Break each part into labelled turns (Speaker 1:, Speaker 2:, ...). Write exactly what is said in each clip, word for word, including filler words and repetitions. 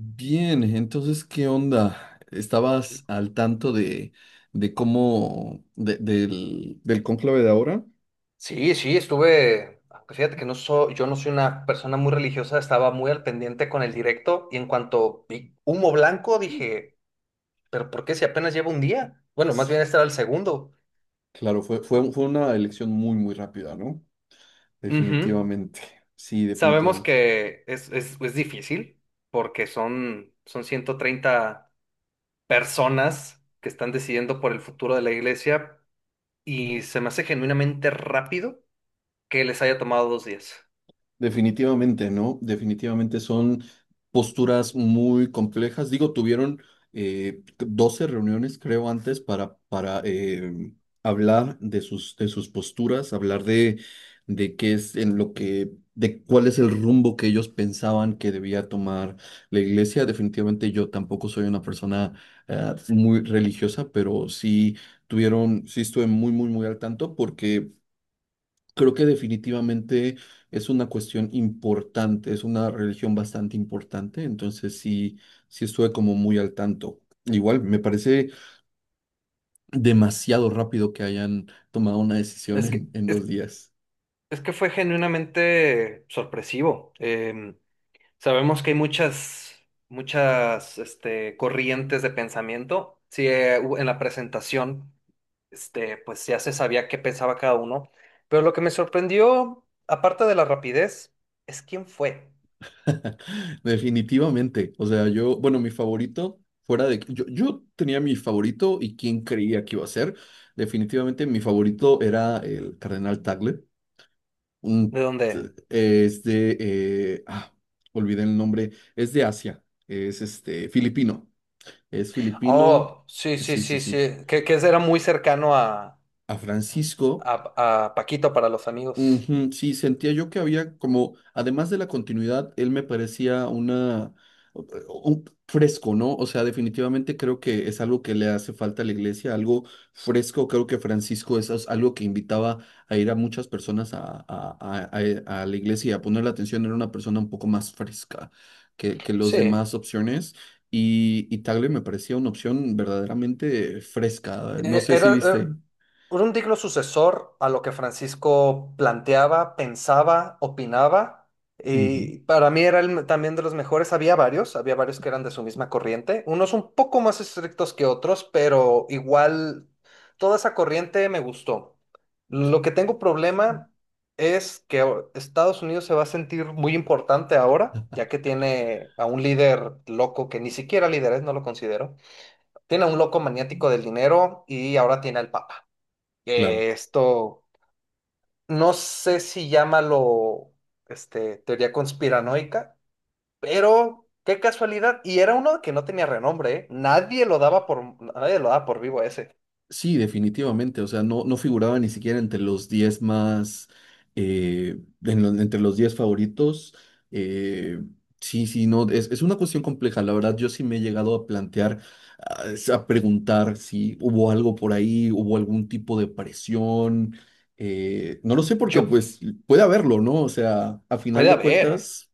Speaker 1: Bien, entonces, ¿qué onda? ¿Estabas al tanto de, de cómo, de- del, del cónclave de ahora?
Speaker 2: Sí, sí, estuve, aunque fíjate que no soy, yo no soy una persona muy religiosa, estaba muy al pendiente con el directo y en cuanto vi humo blanco dije, pero ¿por qué si apenas lleva un día? Bueno, más bien
Speaker 1: Sí,
Speaker 2: este era el segundo.
Speaker 1: claro, fue, fue, fue una elección muy, muy rápida, ¿no?
Speaker 2: Ujú.
Speaker 1: Definitivamente, sí,
Speaker 2: Sabemos
Speaker 1: definitivamente.
Speaker 2: que es, es, es difícil porque son, son ciento treinta personas que están decidiendo por el futuro de la iglesia y se me hace genuinamente rápido que les haya tomado dos días.
Speaker 1: Definitivamente, ¿no? Definitivamente son posturas muy complejas. Digo, tuvieron eh, doce reuniones, creo, antes para, para eh, hablar de sus, de sus posturas, hablar de, de qué es en lo que, de cuál es el rumbo que ellos pensaban que debía tomar la iglesia. Definitivamente yo tampoco soy una persona eh, muy religiosa, pero sí tuvieron, sí estuve muy, muy, muy al tanto porque creo que definitivamente es una cuestión importante, es una religión bastante importante, entonces sí, sí estuve como muy al tanto. Igual, me parece demasiado rápido que hayan tomado una decisión
Speaker 2: Es que
Speaker 1: en, en
Speaker 2: es,
Speaker 1: dos días.
Speaker 2: Es que fue genuinamente sorpresivo. Em, sabemos que hay muchas, muchas, este, corrientes de pensamiento. Sí, eh, hu- en la presentación, este, pues ya se sabía qué pensaba cada uno. Pero lo que me sorprendió, aparte de la rapidez, es quién fue,
Speaker 1: Definitivamente. O sea, yo, bueno, mi favorito. fuera de... Yo, yo tenía mi favorito y quién creía que iba a ser. Definitivamente mi favorito era el Cardenal Tagle. Un
Speaker 2: de
Speaker 1: t-
Speaker 2: dónde.
Speaker 1: es de, eh, ah, Olvidé el nombre, es de Asia, es este, filipino, es filipino,
Speaker 2: Oh, sí, sí,
Speaker 1: sí, sí,
Speaker 2: sí,
Speaker 1: sí.
Speaker 2: sí. Que, que era muy cercano a,
Speaker 1: A Francisco.
Speaker 2: a, a Paquito para los amigos.
Speaker 1: Ujú, sí, sentía yo que había como, además de la continuidad, él me parecía una, u- u- fresco, ¿no? O sea, definitivamente creo que es algo que le hace falta a la iglesia, algo fresco. Creo que Francisco es as- algo que invitaba a ir a muchas personas a, a- a- a- a la iglesia y a poner la atención. Era una persona un poco más fresca que, que los
Speaker 2: Sí.
Speaker 1: demás opciones. Y, y Tagle me parecía una opción verdaderamente fresca. No
Speaker 2: Eh,
Speaker 1: sé si
Speaker 2: Era, eh, era
Speaker 1: viste.
Speaker 2: un digno sucesor a lo que Francisco planteaba, pensaba, opinaba,
Speaker 1: Ujú,
Speaker 2: y para mí era el me- también de los mejores. Había varios, había varios que eran de su misma corriente, unos un poco más estrictos que otros, pero igual toda esa corriente me gustó. Lo que tengo problema es que o- Estados Unidos se va a sentir muy importante ahora, ya que tiene a un líder loco que ni siquiera líder es, no lo considero, tiene a un loco maniático del dinero y ahora tiene al Papa.
Speaker 1: claro.
Speaker 2: Eh, Esto, no sé si llámalo, este, teoría conspiranoica, pero qué casualidad. Y era uno que no tenía renombre, ¿eh? Nadie lo daba por, nadie lo daba por vivo a ese.
Speaker 1: Sí, definitivamente. O sea, no, no figuraba ni siquiera entre los diez más, eh, en lo- entre los diez favoritos. Eh, sí, sí, no, es, es una cuestión compleja. La verdad, yo sí me he llegado a plantear, a, a preguntar si hubo algo por ahí, hubo algún tipo de presión. Eh, no lo sé porque
Speaker 2: Yo,
Speaker 1: pues puede haberlo, ¿no? O sea, a final
Speaker 2: puede
Speaker 1: de
Speaker 2: haber,
Speaker 1: cuentas,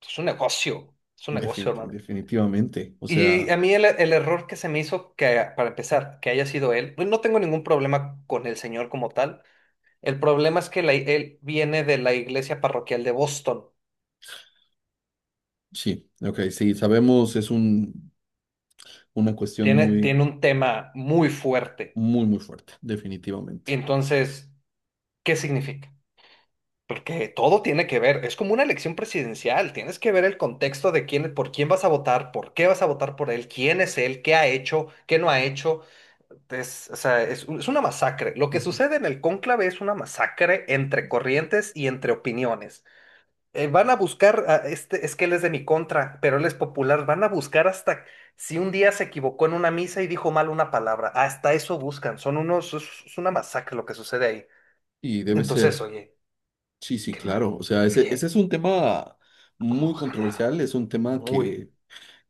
Speaker 2: es un negocio, es un negocio,
Speaker 1: definit-
Speaker 2: hermano.
Speaker 1: definitivamente. O
Speaker 2: Y
Speaker 1: sea,
Speaker 2: a mí el, el error que se me hizo, que para empezar, que haya sido él, pues no tengo ningún problema con el señor como tal. El problema es que la- él viene de la iglesia parroquial de Boston.
Speaker 1: sí, ok, sí, sabemos, es un, una cuestión
Speaker 2: tiene,
Speaker 1: muy.
Speaker 2: tiene un tema muy fuerte.
Speaker 1: Muy, muy fuerte, definitivamente.
Speaker 2: Entonces, ¿qué significa? Porque todo tiene que ver, es como una elección presidencial, tienes que ver el contexto de quién, por quién vas a votar, por qué vas a votar por él, quién es él, qué ha hecho, qué no ha hecho. Es, o sea, es, un- es una masacre. Lo que
Speaker 1: Ujú.
Speaker 2: sucede en el cónclave es una masacre entre corrientes y entre opiniones. eh, van a buscar, a este, es que él es de mi contra, pero él es popular, van a buscar hasta si un día se equivocó en una misa y dijo mal una palabra, hasta eso buscan, son unos, es, es una masacre lo que sucede ahí.
Speaker 1: Y debe
Speaker 2: Entonces,
Speaker 1: ser,
Speaker 2: oye,
Speaker 1: sí, sí,
Speaker 2: qué mal,
Speaker 1: claro. O sea, ese, ese
Speaker 2: oye,
Speaker 1: es un tema
Speaker 2: cómo
Speaker 1: muy
Speaker 2: ganaba,
Speaker 1: controversial, es un tema
Speaker 2: muy.
Speaker 1: que,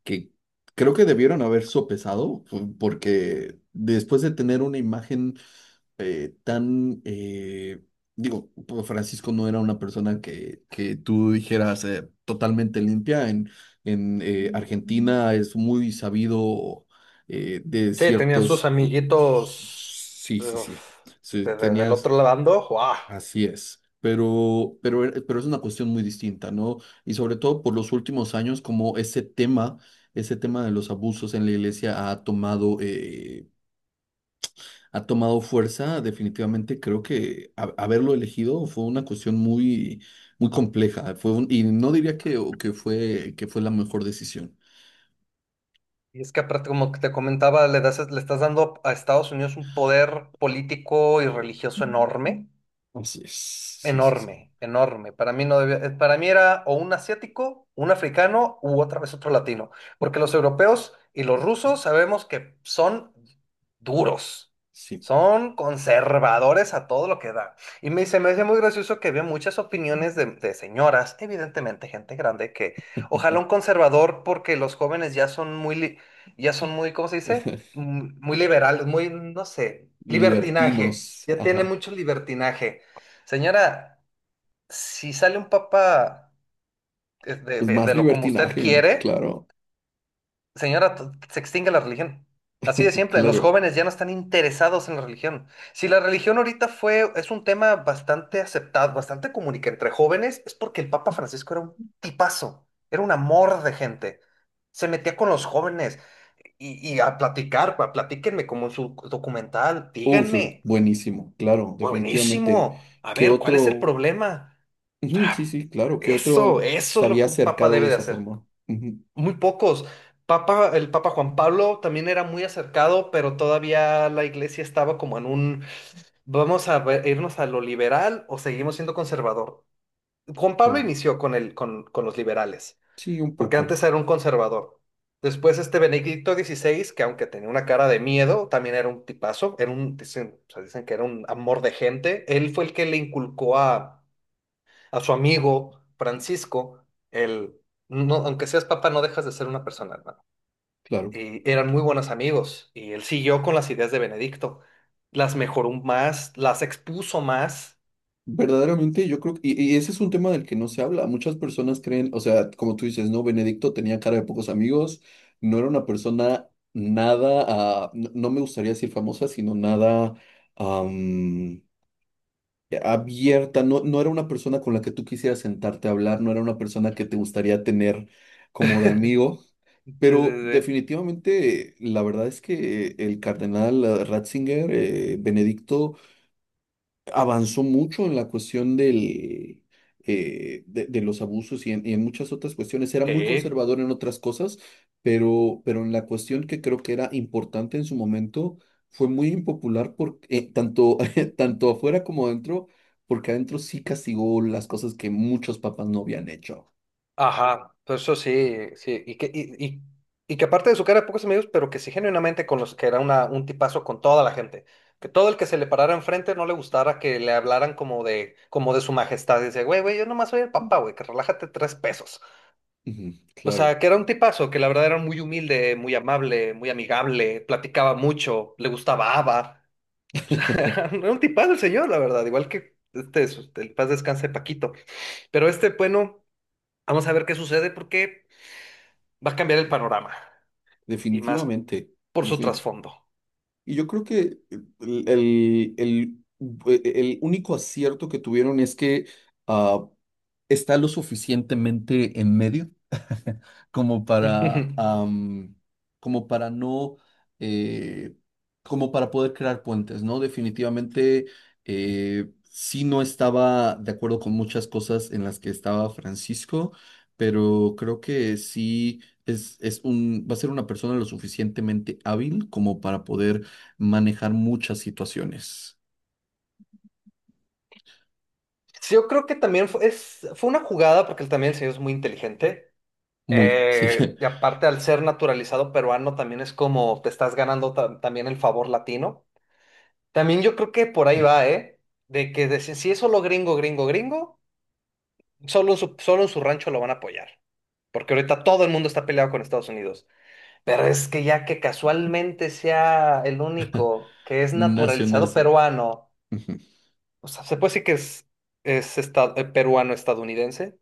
Speaker 1: que creo que debieron haber sopesado, pu- porque después de tener una imagen eh, tan, eh, digo, pues, Francisco no era una persona que, que tú dijeras eh, totalmente limpia. En, en eh, Argentina es muy sabido eh, de
Speaker 2: Sí, tenían sus
Speaker 1: ciertos... cu-
Speaker 2: amiguitos,
Speaker 1: Sí, sí, sí.
Speaker 2: uf,
Speaker 1: Sí,
Speaker 2: de- de- del
Speaker 1: tenías,
Speaker 2: otro lado, ¡guau!
Speaker 1: así es. Pero, pero, e- pero es una cuestión muy distinta, ¿no? Y sobre todo por los últimos años, como ese tema, ese tema de los abusos en la iglesia ha tomado eh, ha tomado fuerza, definitivamente creo que ha- haberlo elegido fue una cuestión muy, muy compleja. Fue un- y no diría que, o que fue, que fue la mejor decisión.
Speaker 2: Y es que aparte, como que te comentaba, le das, le estás dando a Estados Unidos un poder político y
Speaker 1: Oh,
Speaker 2: religioso enorme,
Speaker 1: así es. Sí, sí, sí.
Speaker 2: enorme, enorme. Para mí no debía- eh, para mí era o un asiático, un africano u otra vez otro latino, porque los europeos y los rusos sabemos que son duros.
Speaker 1: Sí.
Speaker 2: Son conservadores a todo lo que da. Y me, se me hace muy gracioso que había muchas opiniones de, de señoras, evidentemente gente grande, que ojalá un conservador, porque los jóvenes ya son muy, li- ya son muy, ¿cómo se dice? Mm, Muy liberales, muy, no sé, libertinaje.
Speaker 1: Libertinos.
Speaker 2: Ya tiene
Speaker 1: Ajá.
Speaker 2: mucho libertinaje. Señora, si sale un papa, eh, de,
Speaker 1: Pues
Speaker 2: de-
Speaker 1: más
Speaker 2: de lo como usted
Speaker 1: libertinaje, ¿no?
Speaker 2: quiere,
Speaker 1: Claro.
Speaker 2: señora, t- se extingue la religión. Así de siempre, los
Speaker 1: Claro.
Speaker 2: jóvenes ya no están interesados en la religión. Si la religión ahorita fue, es un tema bastante aceptado, bastante común y que entre jóvenes, es porque el Papa Francisco era un tipazo, era un amor de gente. Se metía con los jóvenes y, y a platicar, pa- platíquenme como en su documental,
Speaker 1: Uh, eso es
Speaker 2: díganme,
Speaker 1: buenísimo. Claro, definitivamente.
Speaker 2: buenísimo, a
Speaker 1: ¿Qué
Speaker 2: ver, ¿cuál es el
Speaker 1: otro?
Speaker 2: problema?
Speaker 1: Ujú, sí,
Speaker 2: Ah,
Speaker 1: sí, claro. ¿Qué
Speaker 2: Eso,
Speaker 1: otro
Speaker 2: eso
Speaker 1: se
Speaker 2: es lo
Speaker 1: había
Speaker 2: que un papa
Speaker 1: acercado de
Speaker 2: debe de
Speaker 1: esa
Speaker 2: hacer.
Speaker 1: forma? Ujú,
Speaker 2: Muy pocos. Papa, el Papa Juan Pablo también era muy acercado, pero todavía la iglesia estaba como en un, vamos a ver- irnos a lo liberal o seguimos siendo conservador. Juan Pablo
Speaker 1: claro.
Speaker 2: inició con el, con, con los liberales,
Speaker 1: Sí, un
Speaker 2: porque
Speaker 1: poco.
Speaker 2: antes era un conservador. Después este Benedicto dieciséis, que aunque tenía una cara de miedo, también era un tipazo, era un, dicen, o sea, dicen que era un amor de gente. Él fue el que le inculcó a a su amigo Francisco, el, no, aunque seas papá, no dejas de ser una persona, hermano.
Speaker 1: Claro.
Speaker 2: Y eran muy buenos amigos y él siguió con las ideas de Benedicto. Las mejoró más, las expuso más.
Speaker 1: Verdaderamente, yo creo que, y, y ese es un tema del que no se habla. Muchas personas creen, o sea, como tú dices, ¿no? Benedicto tenía cara de pocos amigos, no era una persona nada, ah, n- no me gustaría decir famosa, sino nada am, abierta, no, no era una persona con la que tú quisieras sentarte a hablar, no era una persona que te gustaría tener como de amigo.
Speaker 2: Sí, sí,
Speaker 1: Pero
Speaker 2: sí.
Speaker 1: definitivamente, la verdad es que el cardenal eh, Ratzinger, eh, Benedicto, avanzó mucho en la cuestión del, eh, de, de los abusos y en, y en muchas otras cuestiones. Era muy
Speaker 2: Sí.
Speaker 1: conservador en otras cosas, pero, pero en la cuestión que creo que era importante en su momento, fue muy impopular por, eh, tanto, tanto afuera como adentro, porque adentro sí castigó las cosas que muchos papás no habían hecho.
Speaker 2: Ajá, pues eso sí, sí, y que, y, y- y que aparte de su cara era pocos amigos, pero que sí genuinamente con los que era una, un tipazo con toda la gente, que todo el que se le parara enfrente no le gustara que le hablaran como de, como de su majestad, y decía, güey, güey, yo nomás soy el papá, güey, que relájate tres pesos.
Speaker 1: Ujú,
Speaker 2: O sea,
Speaker 1: claro.
Speaker 2: que era un tipazo, que la verdad era muy humilde, muy amable, muy amigable, platicaba mucho, le gustaba ABBA. Era un tipazo el señor, la verdad, igual que este, su- el paz descanse Paquito. Pero este, bueno, vamos a ver qué sucede porque va a cambiar el panorama y más
Speaker 1: Definitivamente.
Speaker 2: por su
Speaker 1: Definitivamente.
Speaker 2: trasfondo.
Speaker 1: Y yo creo que el, el, el- e, e, el único acierto que tuvieron es que ah, está lo suficientemente en medio como
Speaker 2: Ujú.
Speaker 1: para, am, como para no, eh, como para poder crear puentes, ¿no? Definitivamente eh, sí no estaba de acuerdo con muchas cosas en las que estaba Francisco, pero creo que sí es, es un, va a ser una persona lo suficientemente hábil como para poder manejar muchas situaciones.
Speaker 2: Sí, yo creo que también fue, es, fue una jugada porque él también el señor es muy inteligente.
Speaker 1: Muy, sí.
Speaker 2: Eh, y aparte al ser naturalizado peruano también es como te estás ganando, ta- también el favor latino. También yo creo que por ahí va, ¿eh? De que de- si si es solo gringo, gringo, gringo, solo en su, solo en su rancho lo van a apoyar. Porque ahorita todo el mundo está peleado con Estados Unidos. Pero es que ya que casualmente sea el único que es naturalizado
Speaker 1: Nacionalismo.
Speaker 2: peruano,
Speaker 1: Ujú,
Speaker 2: o sea, se puede decir que es, es esta- eh, peruano-estadounidense.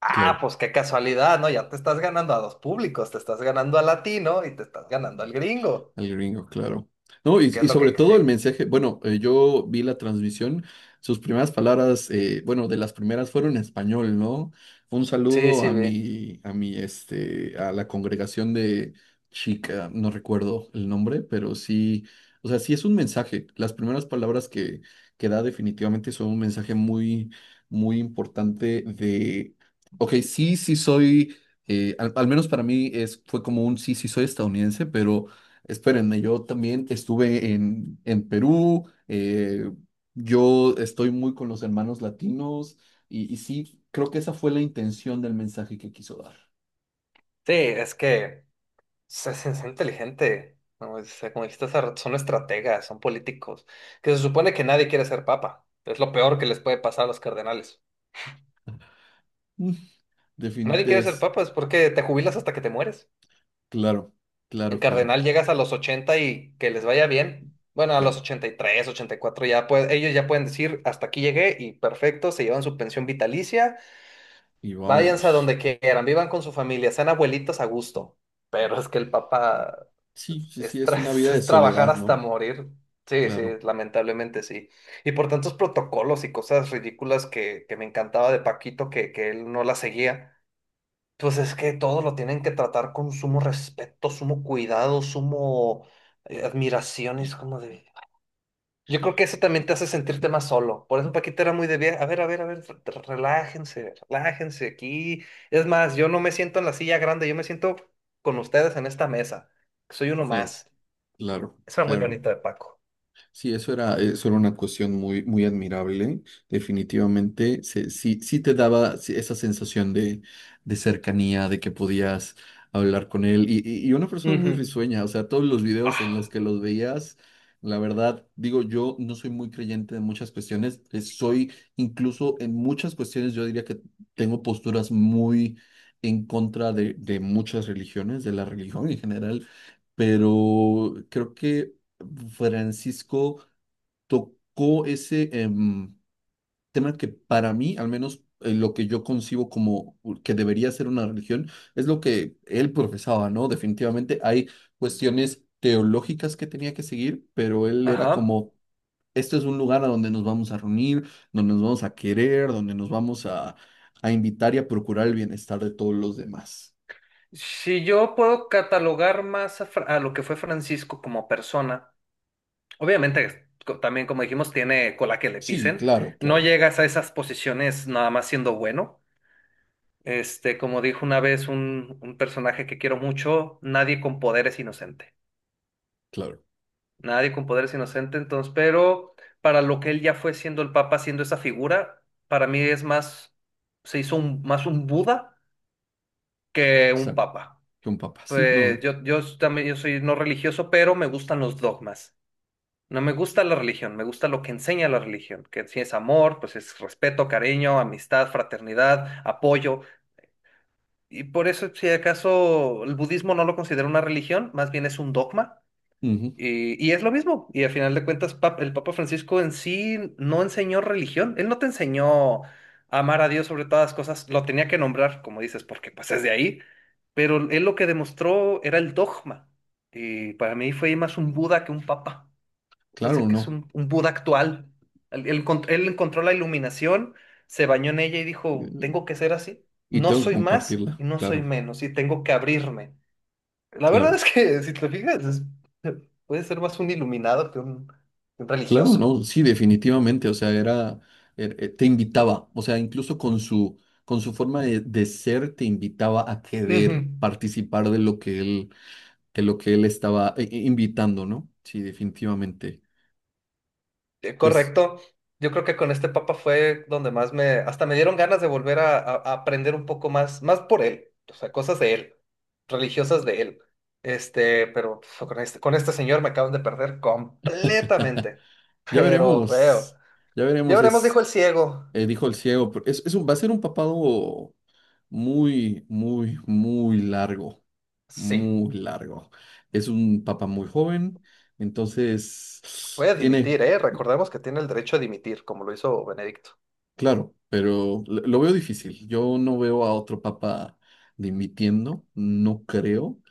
Speaker 2: Ah,
Speaker 1: claro.
Speaker 2: pues qué casualidad, ¿no? Ya te estás ganando a dos públicos, te estás ganando al latino y te estás ganando al gringo.
Speaker 1: Al gringo, claro. No, y,
Speaker 2: ¿Y qué es
Speaker 1: y
Speaker 2: lo
Speaker 1: sobre
Speaker 2: que...
Speaker 1: todo el
Speaker 2: Sí,
Speaker 1: mensaje, bueno, eh, yo vi la transmisión, sus primeras palabras, eh, bueno, de las primeras fueron en español, ¿no? Un
Speaker 2: sí,
Speaker 1: saludo
Speaker 2: sí.
Speaker 1: a
Speaker 2: Sí.
Speaker 1: mi, a mi, este, a la congregación de chica, no recuerdo el nombre, pero sí, o sea, sí es un mensaje. Las primeras palabras que, que da definitivamente son un mensaje muy, muy importante de, ok, sí, sí soy, eh, al, al menos para mí es, fue como un sí, sí soy estadounidense, pero espérenme, yo también estuve en, en Perú, eh, yo estoy muy con los hermanos latinos y, y sí, creo que esa fue la intención del mensaje que quiso dar.
Speaker 2: Sí, es que... Se, se- se inteligente, ¿no? O sea, como dijiste hace rato, son estrategas, son políticos, que se supone que nadie quiere ser papa. Es lo peor que les puede pasar a los cardenales.
Speaker 1: Mm.
Speaker 2: Nadie
Speaker 1: Definit-
Speaker 2: quiere ser
Speaker 1: es
Speaker 2: papa, es porque te jubilas hasta que te mueres.
Speaker 1: claro,
Speaker 2: En
Speaker 1: claro, claro,
Speaker 2: cardenal llegas a los ochenta y que les vaya bien. Bueno, a los
Speaker 1: claro.
Speaker 2: ochenta, ochenta y tres, ochenta y cuatro ya puede- ellos ya pueden decir, hasta aquí llegué y perfecto, se llevan su pensión vitalicia.
Speaker 1: Y
Speaker 2: Váyanse a
Speaker 1: vámonos.
Speaker 2: donde quieran, vivan con su familia, sean abuelitos a gusto. Pero es que el papá
Speaker 1: Sí,
Speaker 2: es,
Speaker 1: sí, sí,
Speaker 2: es
Speaker 1: es
Speaker 2: tra-
Speaker 1: una vida de
Speaker 2: es trabajar
Speaker 1: soledad,
Speaker 2: hasta
Speaker 1: ¿no?
Speaker 2: morir. Sí, sí,
Speaker 1: Claro,
Speaker 2: lamentablemente sí. Y por tantos protocolos y cosas ridículas que, que me encantaba de Paquito, que, que él no la seguía, pues es que todo lo tienen que tratar con sumo respeto, sumo cuidado, sumo eh, admiración. Y es como de... Yo creo que eso también te hace sentirte más solo. Por eso Paquita era muy de bien. A ver, a ver, a ver, re- relájense, relájense aquí. Es más, yo no me siento en la silla grande, yo me siento con ustedes en esta mesa. Soy uno
Speaker 1: claro,
Speaker 2: más.
Speaker 1: claro,
Speaker 2: Esa era muy
Speaker 1: claro.
Speaker 2: bonita de Paco.
Speaker 1: Sí, eso era, eso era una cuestión muy, muy admirable. Definitivamente, se- sí, sí te daba sí, esa sensación de, de cercanía, de que podías hablar con él. Y, y- y una persona
Speaker 2: Ujú.
Speaker 1: muy risueña, o sea, todos los videos en los
Speaker 2: Ah,
Speaker 1: que los veías, la verdad, digo, yo no soy muy creyente de muchas cuestiones. eh, Soy incluso en muchas cuestiones, yo diría que tengo posturas muy en contra de, de muchas religiones, de la religión en general. Pero creo que Francisco tocó ese em, tema que para mí, al menos eh, lo que yo concibo como que debería ser una religión, es lo que él profesaba, ¿no? Definitivamente hay cuestiones teológicas que tenía que seguir, pero él era
Speaker 2: ajá.
Speaker 1: como, este es un lugar a donde nos vamos a reunir, donde nos vamos a querer, donde nos vamos a, a invitar y a procurar el bienestar de todos los demás.
Speaker 2: Si yo puedo catalogar más a, Fra- a lo que fue Francisco como persona, obviamente co- también como dijimos, tiene cola que le
Speaker 1: Sí,
Speaker 2: pisen.
Speaker 1: claro,
Speaker 2: No
Speaker 1: claro,
Speaker 2: llegas a esas posiciones nada más siendo bueno. Este, como dijo una vez un, un personaje que quiero mucho, nadie con poder es inocente.
Speaker 1: claro.
Speaker 2: Nadie con poder es inocente, entonces, pero para lo que él ya fue siendo el Papa, siendo esa figura, para mí es más, se hizo un- más un Buda que un
Speaker 1: Exacto.
Speaker 2: Papa.
Speaker 1: Que un papá, sí, no
Speaker 2: Pues
Speaker 1: sé.
Speaker 2: yo, yo también yo soy no religioso, pero me gustan los dogmas. No me gusta la religión, me gusta lo que enseña la religión, que si es amor, pues es respeto, cariño, amistad, fraternidad, apoyo. Y por eso, si acaso el budismo no lo considera una religión, más bien es un dogma.
Speaker 1: Ujú,
Speaker 2: Y, y es lo mismo. Y al final de cuentas, pap- el Papa Francisco en sí no enseñó religión. Él no te enseñó a amar a Dios sobre todas las cosas. Lo tenía que nombrar, como dices, porque pues es de ahí. Pero él lo que demostró era el dogma. Y para mí fue más un Buda que un papa, entonces
Speaker 1: claro,
Speaker 2: que es
Speaker 1: no.
Speaker 2: un, un Buda actual. Él, él encont- él encontró la iluminación, se bañó en ella y dijo, tengo que ser así.
Speaker 1: Y
Speaker 2: No
Speaker 1: tengo que
Speaker 2: soy más
Speaker 1: compartirla,
Speaker 2: y no soy
Speaker 1: claro,
Speaker 2: menos y tengo que abrirme. La verdad
Speaker 1: claro.
Speaker 2: es que, si te fijas, es- puede ser más un iluminado que un, que un
Speaker 1: Claro,
Speaker 2: religioso.
Speaker 1: no, sí, definitivamente, o sea, era, er- eh, te invitaba, o sea, incluso con su, con su forma de, de ser, te invitaba a
Speaker 2: Ujú.
Speaker 1: querer participar de lo que él, de lo que él estaba eh, eh, invitando, ¿no? Sí, definitivamente.
Speaker 2: Eh,
Speaker 1: Pues
Speaker 2: Correcto. Yo creo que con este papa fue donde más me, hasta me dieron ganas de volver a, a- a aprender un poco más, más por él, o sea, cosas de él, religiosas de él. Este, pero pf, con este, con este señor me acaban de perder completamente.
Speaker 1: ya
Speaker 2: Pero veo.
Speaker 1: veremos, ya
Speaker 2: Ya
Speaker 1: veremos.
Speaker 2: veremos, dijo el ciego.
Speaker 1: Eh, dijo el ciego, pero es, es un- va a ser un papado muy, muy, muy largo,
Speaker 2: Sí,
Speaker 1: muy largo. Es un papa muy joven, entonces
Speaker 2: puede
Speaker 1: tiene,
Speaker 2: dimitir, ¿eh? Recordemos que tiene el derecho a dimitir, como lo hizo Benedicto.
Speaker 1: claro, pero lo lo veo difícil. Yo no veo a otro papa dimitiendo, no creo,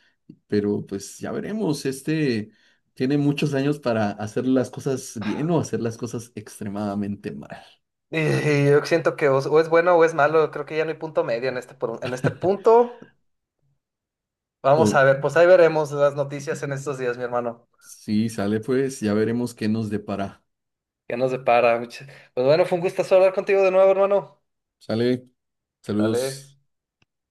Speaker 1: pero pues ya veremos. Este tiene muchos años para hacer las cosas bien o hacer las cosas extremadamente mal.
Speaker 2: Y, y yo siento que o, o es bueno o es malo, creo que ya no hay punto medio en este, por- en este punto. Vamos a
Speaker 1: O
Speaker 2: ver, pues ahí veremos las noticias en estos días, mi hermano.
Speaker 1: si sale, pues ya veremos qué nos depara.
Speaker 2: ¿Qué nos depara? Mucha- Pues bueno, fue un gustazo hablar contigo de nuevo, hermano.
Speaker 1: Sale,
Speaker 2: Dale.
Speaker 1: saludos.